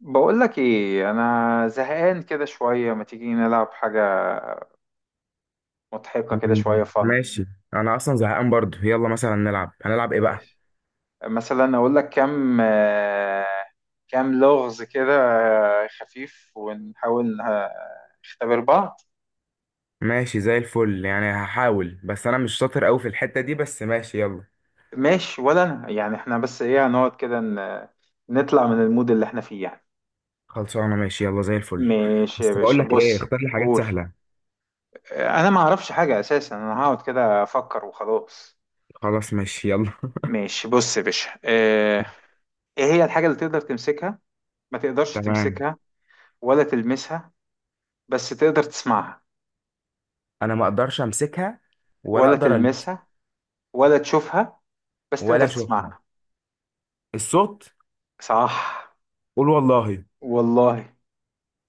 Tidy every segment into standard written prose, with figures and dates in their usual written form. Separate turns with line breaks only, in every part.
بقولك ايه انا زهقان كده شوية، ما تيجي نلعب حاجة مضحكة كده
مم.
شوية فن.
ماشي. انا اصلا زهقان برضو، يلا مثلا نلعب. هنلعب ايه بقى؟
مثلا اقولك كام كام لغز كده. خفيف ونحاول نختبر بعض.
ماشي زي الفل. يعني هحاول بس انا مش شاطر قوي في الحتة دي، بس ماشي يلا.
ماشي ولا انا يعني، احنا بس ايه، هنقعد كده نطلع من المود اللي احنا فيه يعني.
خلصانه، ماشي يلا زي الفل.
ماشي يا
بس بقول
باشا،
لك ايه،
بص
اختار لي حاجات
قول.
سهلة.
انا ما اعرفش حاجة اساسا، انا هقعد كده افكر وخلاص.
خلاص ماشي يلا.
ماشي بص يا باشا. ايه هي الحاجة اللي تقدر تمسكها، ما تقدرش
تمام.
تمسكها ولا تلمسها بس تقدر تسمعها؟
انا ما اقدرش امسكها، ولا
ولا
اقدر ألمسها،
تلمسها ولا تشوفها بس
ولا
تقدر
اشوفها.
تسمعها.
الصوت.
صح.
قول والله.
والله.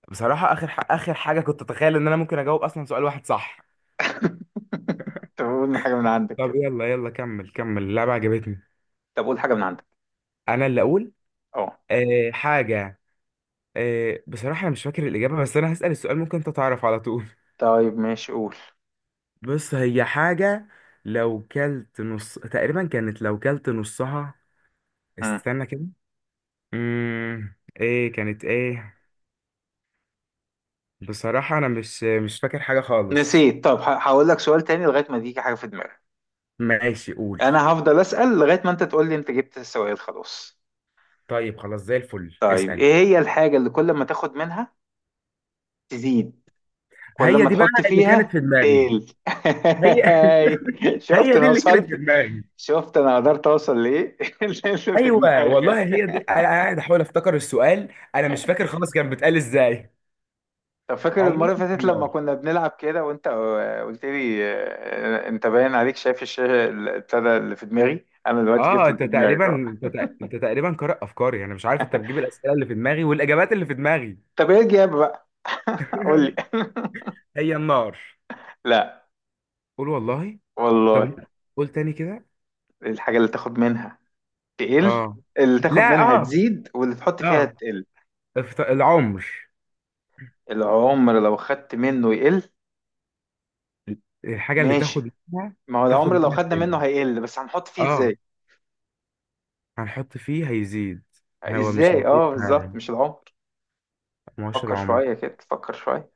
بصراحة اخر اخر حاجة كنت اتخيل ان انا ممكن اجاوب اصلا سؤال واحد. صح؟
طب قول حاجة من عندك
طب
كده.
يلا يلا، كمل اللعبة عجبتني.
طب قول حاجة من عندك.
انا اللي اقول.
اه.
حاجة. بصراحة أنا مش فاكر الإجابة، بس أنا هسأل السؤال ممكن أنت تعرف على طول.
طيب ماشي قول.
بص، هي حاجة لو كلت نص تقريبا كانت، لو كلت نصها.
مم.
استنى كده. إيه كانت، إيه؟ بصراحة أنا مش فاكر حاجة خالص.
نسيت. طب هقول لك سؤال تاني لغاية ما تيجي حاجة في دماغك.
ماشي قول.
انا هفضل اسأل لغاية ما انت تقول لي انت جبت السؤال خلاص.
طيب خلاص، زي الفل
طيب
اسأل.
ايه هي الحاجة اللي كل ما تاخد منها تزيد، كل
هي
ما
دي بقى
تحط
اللي كانت
فيها
في دماغي.
تقل؟
هي.
شفت
هي دي
انا
اللي كانت في
وصلت؟
دماغي.
شفت انا قدرت اوصل لايه اللي في
ايوه
دماغك.
والله هي دي. أنا قاعد احاول افتكر السؤال، انا مش فاكر خالص كان بيتقال ازاي.
طب فاكر المره
عموما
اللي
كان
فاتت لما
نار.
كنا بنلعب كده وانت قلت لي انت باين عليك شايف الشاشه اللي ابتدى اللي في دماغي؟ انا دلوقتي جبت
اه،
اللي في دماغك اهو.
انت تقريبا قارئ افكاري. انا مش عارف انت بتجيب الاسئله اللي في دماغي والاجابات اللي في دماغي.
طب ايه الجاب بقى؟ قول لي.
هي النار.
لا.
قول والله. طب
والله.
لا، قول تاني كده.
الحاجه اللي تاخد منها تقل.
اه،
اللي تاخد
لا،
منها
اه،
تزيد واللي تحط فيها
اه،
تقل.
العمر.
العمر لو خدت منه يقل.
الحاجه اللي
ماشي.
تاخد منها،
ما هو
تاخد
العمر لو
منها
خدنا
سن.
منه هيقل، بس هنحط فيه
اه،
ازاي؟
هنحط فيه هيزيد. يعني هو مش
ازاي،
هيزيد
اه بالظبط،
فعلا.
مش العمر.
ما هوش
فكر
العمر.
شوية كده، فكر شوية.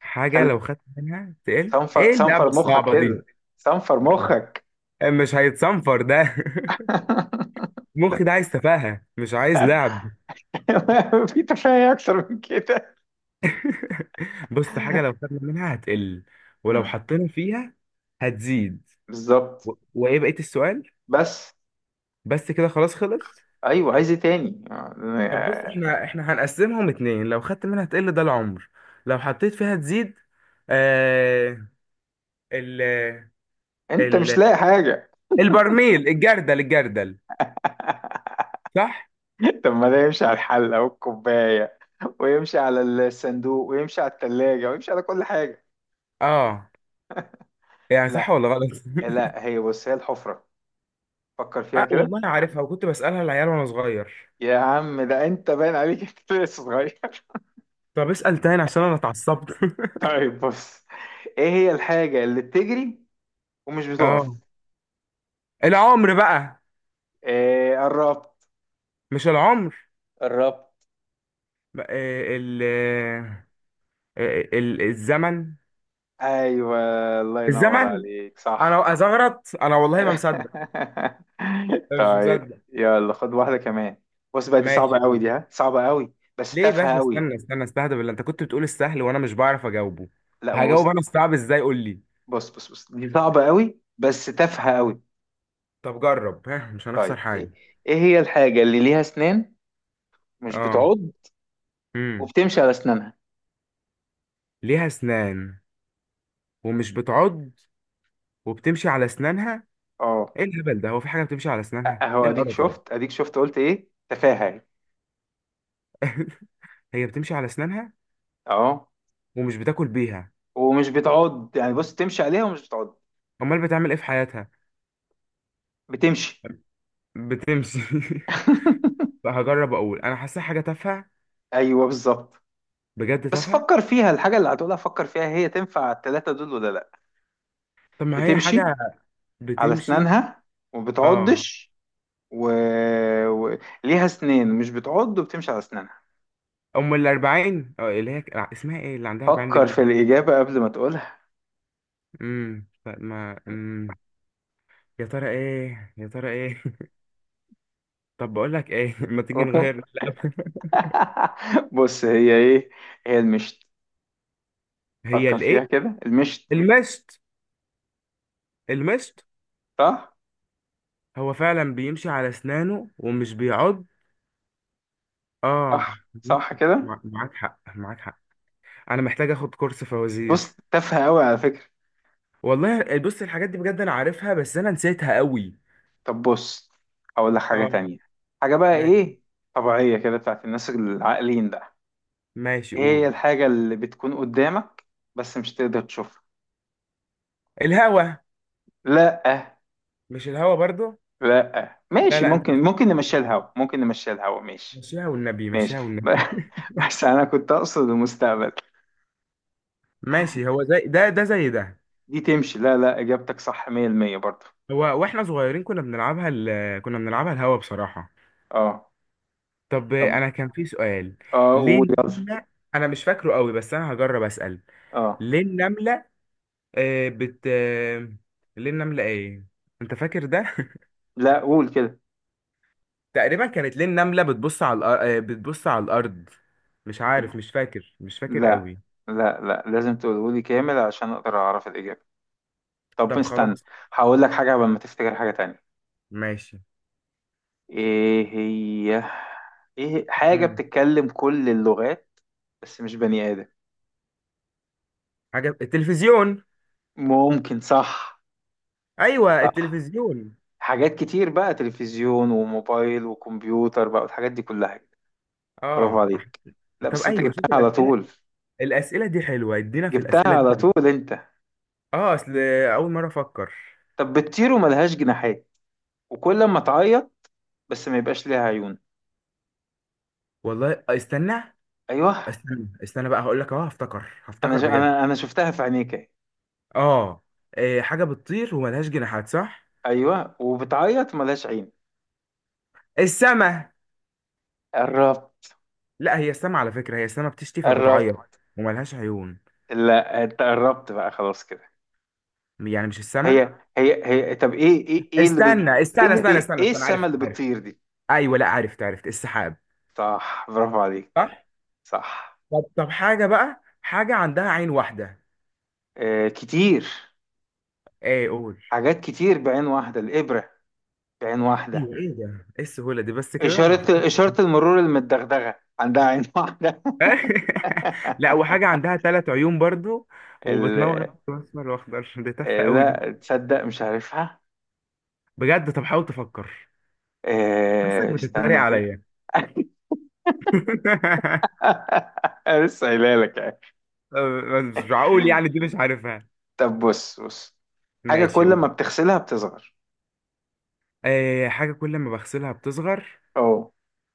حاجه
خلي،
لو خدت منها تقل.
صنفر
ايه اللعبه
صنفر مخك
الصعبه دي؟
كده، صنفر مخك.
مش هيتصنفر ده. المخ ده عايز تفاهه، مش عايز لعب.
في تفاهة أكتر من كده.
بص حاجة لو خدنا منها هتقل، ولو
مم.
حطينا فيها هتزيد.
بالظبط.
وايه بقية السؤال؟
بس.
بس كده خلاص، خلص.
أيوه، عايز إيه تاني؟
طب بص، احنا هنقسمهم اتنين. لو خدت منها هتقل، ده العمر. لو حطيت فيها تزيد. آه... ال...
أنت مش
ال...
لاقي حاجة؟
البرميل، الجردل، الجردل. صح.
طب ما ده يمشي على الحلة والكوباية، ويمشي على الصندوق، ويمشي على التلاجة، ويمشي على كل حاجة.
اه، يعني
لا
صح ولا غلط؟
لا، هي بص، هي الحفرة، فكر فيها
اه
كده.
والله انا عارفها، وكنت بسألها العيال وانا صغير.
يا عم ده انت باين عليك انت لسه صغير.
طب اسأل تاني عشان انا اتعصبت.
طيب بص، ايه هي الحاجة اللي بتجري ومش
اه،
بتقف؟
العمر بقى.
ايه، قربت.
مش العمر.
قربت.
ما- آه، ال آه، الزمن.
ايوه، الله ينور
الزمن.
عليك،
انا
صح.
ازغرط، انا والله ما مصدق. أنا مش
طيب
مصدق.
يلا خد واحدة كمان. بص بقى دي صعبة
ماشي
قوي،
قول.
دي ها صعبة قوي بس
ليه بس؟
تافهة قوي.
استنى استهدى بالله. انت كنت بتقول السهل وانا مش بعرف اجاوبه،
لا ما بص.
هجاوب انا الصعب ازاي؟ قول لي.
بص بص بص، دي صعبة قوي بس تافهة قوي.
طب جرب، ها، مش هنخسر
طيب ايه.
حاجه.
إيه هي الحاجة اللي ليها اسنان، مش
اه،
بتعض
امم
وبتمشي على اسنانها؟
ليها اسنان ومش بتعض وبتمشي على اسنانها.
اه.
ايه الهبل ده؟ هو في حاجه بتمشي على اسنانها؟
اهو
ايه
اديك
القرف ده؟
شفت، اديك شفت، قلت ايه، تفاهه يعني.
هي بتمشي على اسنانها
اهو،
ومش بتاكل بيها.
ومش بتعض يعني، بص تمشي عليها ومش بتعض.
امال بتعمل ايه في حياتها؟
بتمشي.
بتمشي. بقى هجرب اقول، انا حاسسها حاجه تافهه،
ايوه بالظبط.
بجد
بس
تافهه.
فكر فيها الحاجه اللي هتقولها، فكر فيها، هي تنفع التلاته دول ولا لا.
طب ما هي
بتمشي
حاجه
على
بتمشي،
اسنانها وما
اه.
بتعضش، و... و... ليها اسنان مش بتعض وبتمشي على اسنانها.
ام الاربعين. اه، اللي هي اسمها ايه اللي عندها 40
فكر
رجل
في
دي؟
الاجابه قبل ما تقولها.
طب ما، يا ترى ايه، يا ترى ايه؟ طب بقول لك ايه ما تيجي نغير.
بص هي ايه. هي المشت.
هي
فكر
الايه؟
فيها كده، المشت.
المشط. المشط.
صح.
هو فعلا بيمشي على اسنانه ومش بيعض. اه.
صح صح كده.
معاك حق، معاك حق. انا محتاج اخد كورس فوازير.
بص تافهة أوي على فكرة.
والله بص، الحاجات دي بجد انا عارفها بس انا نسيتها قوي.
طب بص، هقول لك حاجة
اه.
تانية. حاجة بقى
ماشي.
إيه، طبيعية كده، بتاعت الناس العاقلين بقى.
ماشي
إيه هي
قول.
الحاجة اللي بتكون قدامك، بس مش تقدر تشوفها؟
الهوا.
لأ.
مش الهوا برضو؟
لأ
لا
ماشي،
لا، انت
ممكن، ممكن نمشي
بتصعب.
الهوا، ممكن نمشي الهوا، ماشي.
مشيها والنبي،
ماشي.
مشيها والنبي.
ب- بس أنا كنت أقصد المستقبل.
ماشي. هو زي ده، ده زي ده.
دي تمشي، لا لا، إجابتك صح 100% برضه.
هو واحنا صغيرين كنا بنلعبها، كنا بنلعبها الهوا بصراحة.
أه.
طب
طب،
انا كان في سؤال.
أه
ليه
قول يلا.
النملة؟ انا مش فاكره قوي بس انا هجرب اسأل.
أه.
ليه النملة آه بت آه، ليه النملة ايه؟ انت فاكر ده؟
لا، قول كده.
تقريبا كانت، ليه النملة بتبص على الأر... آه، بتبص على الارض. مش عارف، مش فاكر، مش فاكر
لا
قوي.
لا، لا لازم تقوله لي كامل عشان اقدر اعرف الاجابه. طب
طب
استنى،
خلاص،
هقول لك حاجه قبل ما تفتكر حاجه تانية.
ماشي.
ايه هي. ايه حاجه
مم.
بتتكلم كل اللغات، بس مش بني ادم؟
حاجة، التلفزيون.
ممكن. صح.
أيوه
صح،
التلفزيون.
حاجات كتير بقى، تلفزيون وموبايل وكمبيوتر بقى والحاجات دي كلها. برافو
أه.
عليك. لا
طب
بس انت
أيوه،
جبتها
شوف
على
الأسئلة.
طول.
الأسئلة دي حلوة، ادينا في
جبتها
الأسئلة دي
على
كمان.
طول انت.
أه، أصل أول مرة أفكر.
طب بتطير وملهاش جناحات، وكل ما تعيط بس ما يبقاش ليها عيون.
والله استنى
ايوه.
استنى استنى بقى هقول لك أهو. هفتكر
انا
هفتكر
شو
بجد.
انا انا شفتها في عينيك اهي.
أه. إيه، حاجة بتطير وملهاش جناحات، صح؟
ايوه، وبتعيط ملهاش عين.
السما.
قربت.
لا هي السما على فكرة، هي السما بتشتي
قربت.
فبتعيط وملهاش عيون.
لا، انت قربت بقى خلاص كده.
يعني مش
هي.
السما؟
هي هي. طب ايه ايه، ايه
استنى
ايه
استنى استنى استنى
ايه
استنى
السما
عارف
اللي
عارف.
بتطير دي؟
أيوه، لا عرفت عرفت. السحاب.
صح، برافو عليك. صح.
طب طب حاجة بقى، حاجة عندها عين واحدة.
آه كتير.
ايه قول.
حاجات كتير بعين واحدة، الإبرة بعين واحدة.
ايوه ايه ده، ايه السهولة دي؟ بس كده انا
إشارة،
فكرت.
إشارة المرور المدغدغة عندها عين واحدة.
لا، وحاجة عندها ثلاث عيون برضو
ال...
وبتنور احمر واخضر. دي تافهة قوي دي.
لا تصدق مش عارفها.
بجد طب حاول تفكر. حاسسك بتتريق
استنى كده.
عليا.
أنا لسه قايلها لك يعني.
أه، بس مش معقول يعني، دي مش عارفها.
طب بص بص، حاجة
ماشي
كل ما
قول.
بتغسلها بتصغر.
أه، حاجة كل ما بغسلها بتصغر.
اه.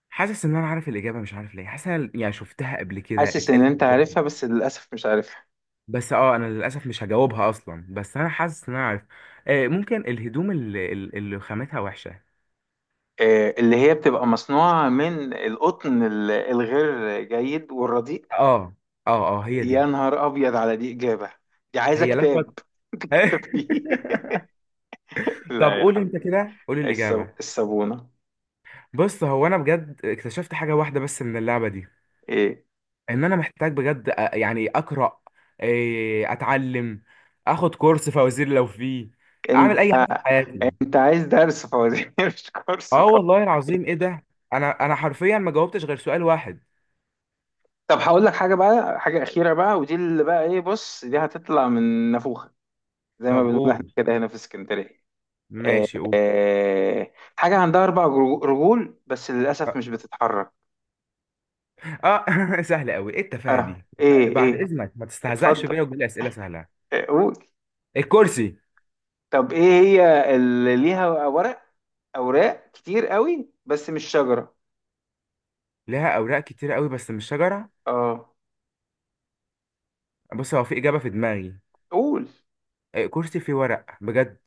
حاسس ان انا عارف الاجابة، مش عارف ليه حاسس إن أنا يعني شفتها قبل كده،
حاسس ان
اتقالت
انت
قدامي.
عارفها، بس للأسف مش عارفها.
بس اه، انا للاسف مش هجاوبها اصلا، بس انا حاسس ان انا عارف. آه ممكن الهدوم اللي خامتها وحشه.
اللي هي بتبقى مصنوعة من القطن الغير جيد والرديء.
اه اه اه هي
يا
دي.
نهار أبيض على دي إجابة. دي عايزة
هي
كتاب،
لفت.
كتاب فيه.
طب
لا يا
قول انت
حبيبي.
كده، قول الاجابه.
الصابونة.
بص هو، انا بجد اكتشفت حاجه واحده بس من اللعبه دي،
ايه،
ان انا محتاج بجد يعني اقرا، اتعلم، اخد كورس فوازير لو فيه، اعمل
انت
اي حاجه في حياتي.
انت عايز درس فوزي مش كورس.
اه والله العظيم، ايه ده؟ انا حرفيا ما جاوبتش غير سؤال واحد.
طب هقول لك حاجه بقى، حاجه اخيره بقى، ودي اللي بقى ايه، بص دي هتطلع من نافوخه، زي ما
طب
بنقول احنا
قول.
كده هنا في اسكندريه. آه،
ماشي قول.
حاجه عندها اربع رجول، بس للاسف مش بتتحرك.
اه، سهلة قوي، ايه التفاهة
اه،
دي؟
ايه
بعد
ايه.
اذنك، ما تستهزأش
اتفضل،
بيا وتجيب لي اسئلة سهلة.
قول.
الكرسي.
طب ايه هي اللي ليها ورق، اوراق كتير قوي بس مش شجره؟
لها اوراق كتير قوي بس مش شجرة.
اه،
بص هو في اجابة في دماغي.
قول.
الكرسي فيه ورق بجد.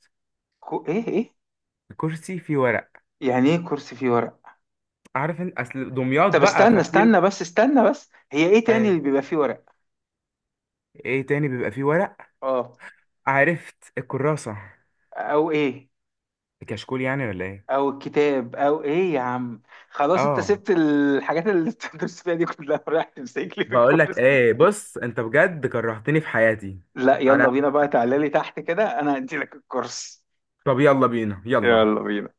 ايه ايه.
الكرسي فيه ورق.
يعني ايه كرسي فيه ورق؟
عارف انت اصل دمياط
طب
بقى
استنى،
فكتير.
استنى بس، استنى بس، هي ايه تاني
ايه؟
اللي بيبقى فيه ورق؟
إيه تاني بيبقى فيه ورق؟
اه.
عرفت الكراسة،
او ايه،
الكشكول يعني، ولا ايه؟
او الكتاب او ايه يا عم؟ خلاص، انت
اه،
سبت الحاجات اللي بتدرس فيها دي كلها، ورايح تمسك لي في
بقول لك
الكرسي.
ايه، بص انت بجد كرهتني في حياتي.
لا يلا
انا،
بينا بقى، تعالى لي تحت كده، انا هدي لك الكرسي.
طب يلا بينا، يلا.
يلا بينا.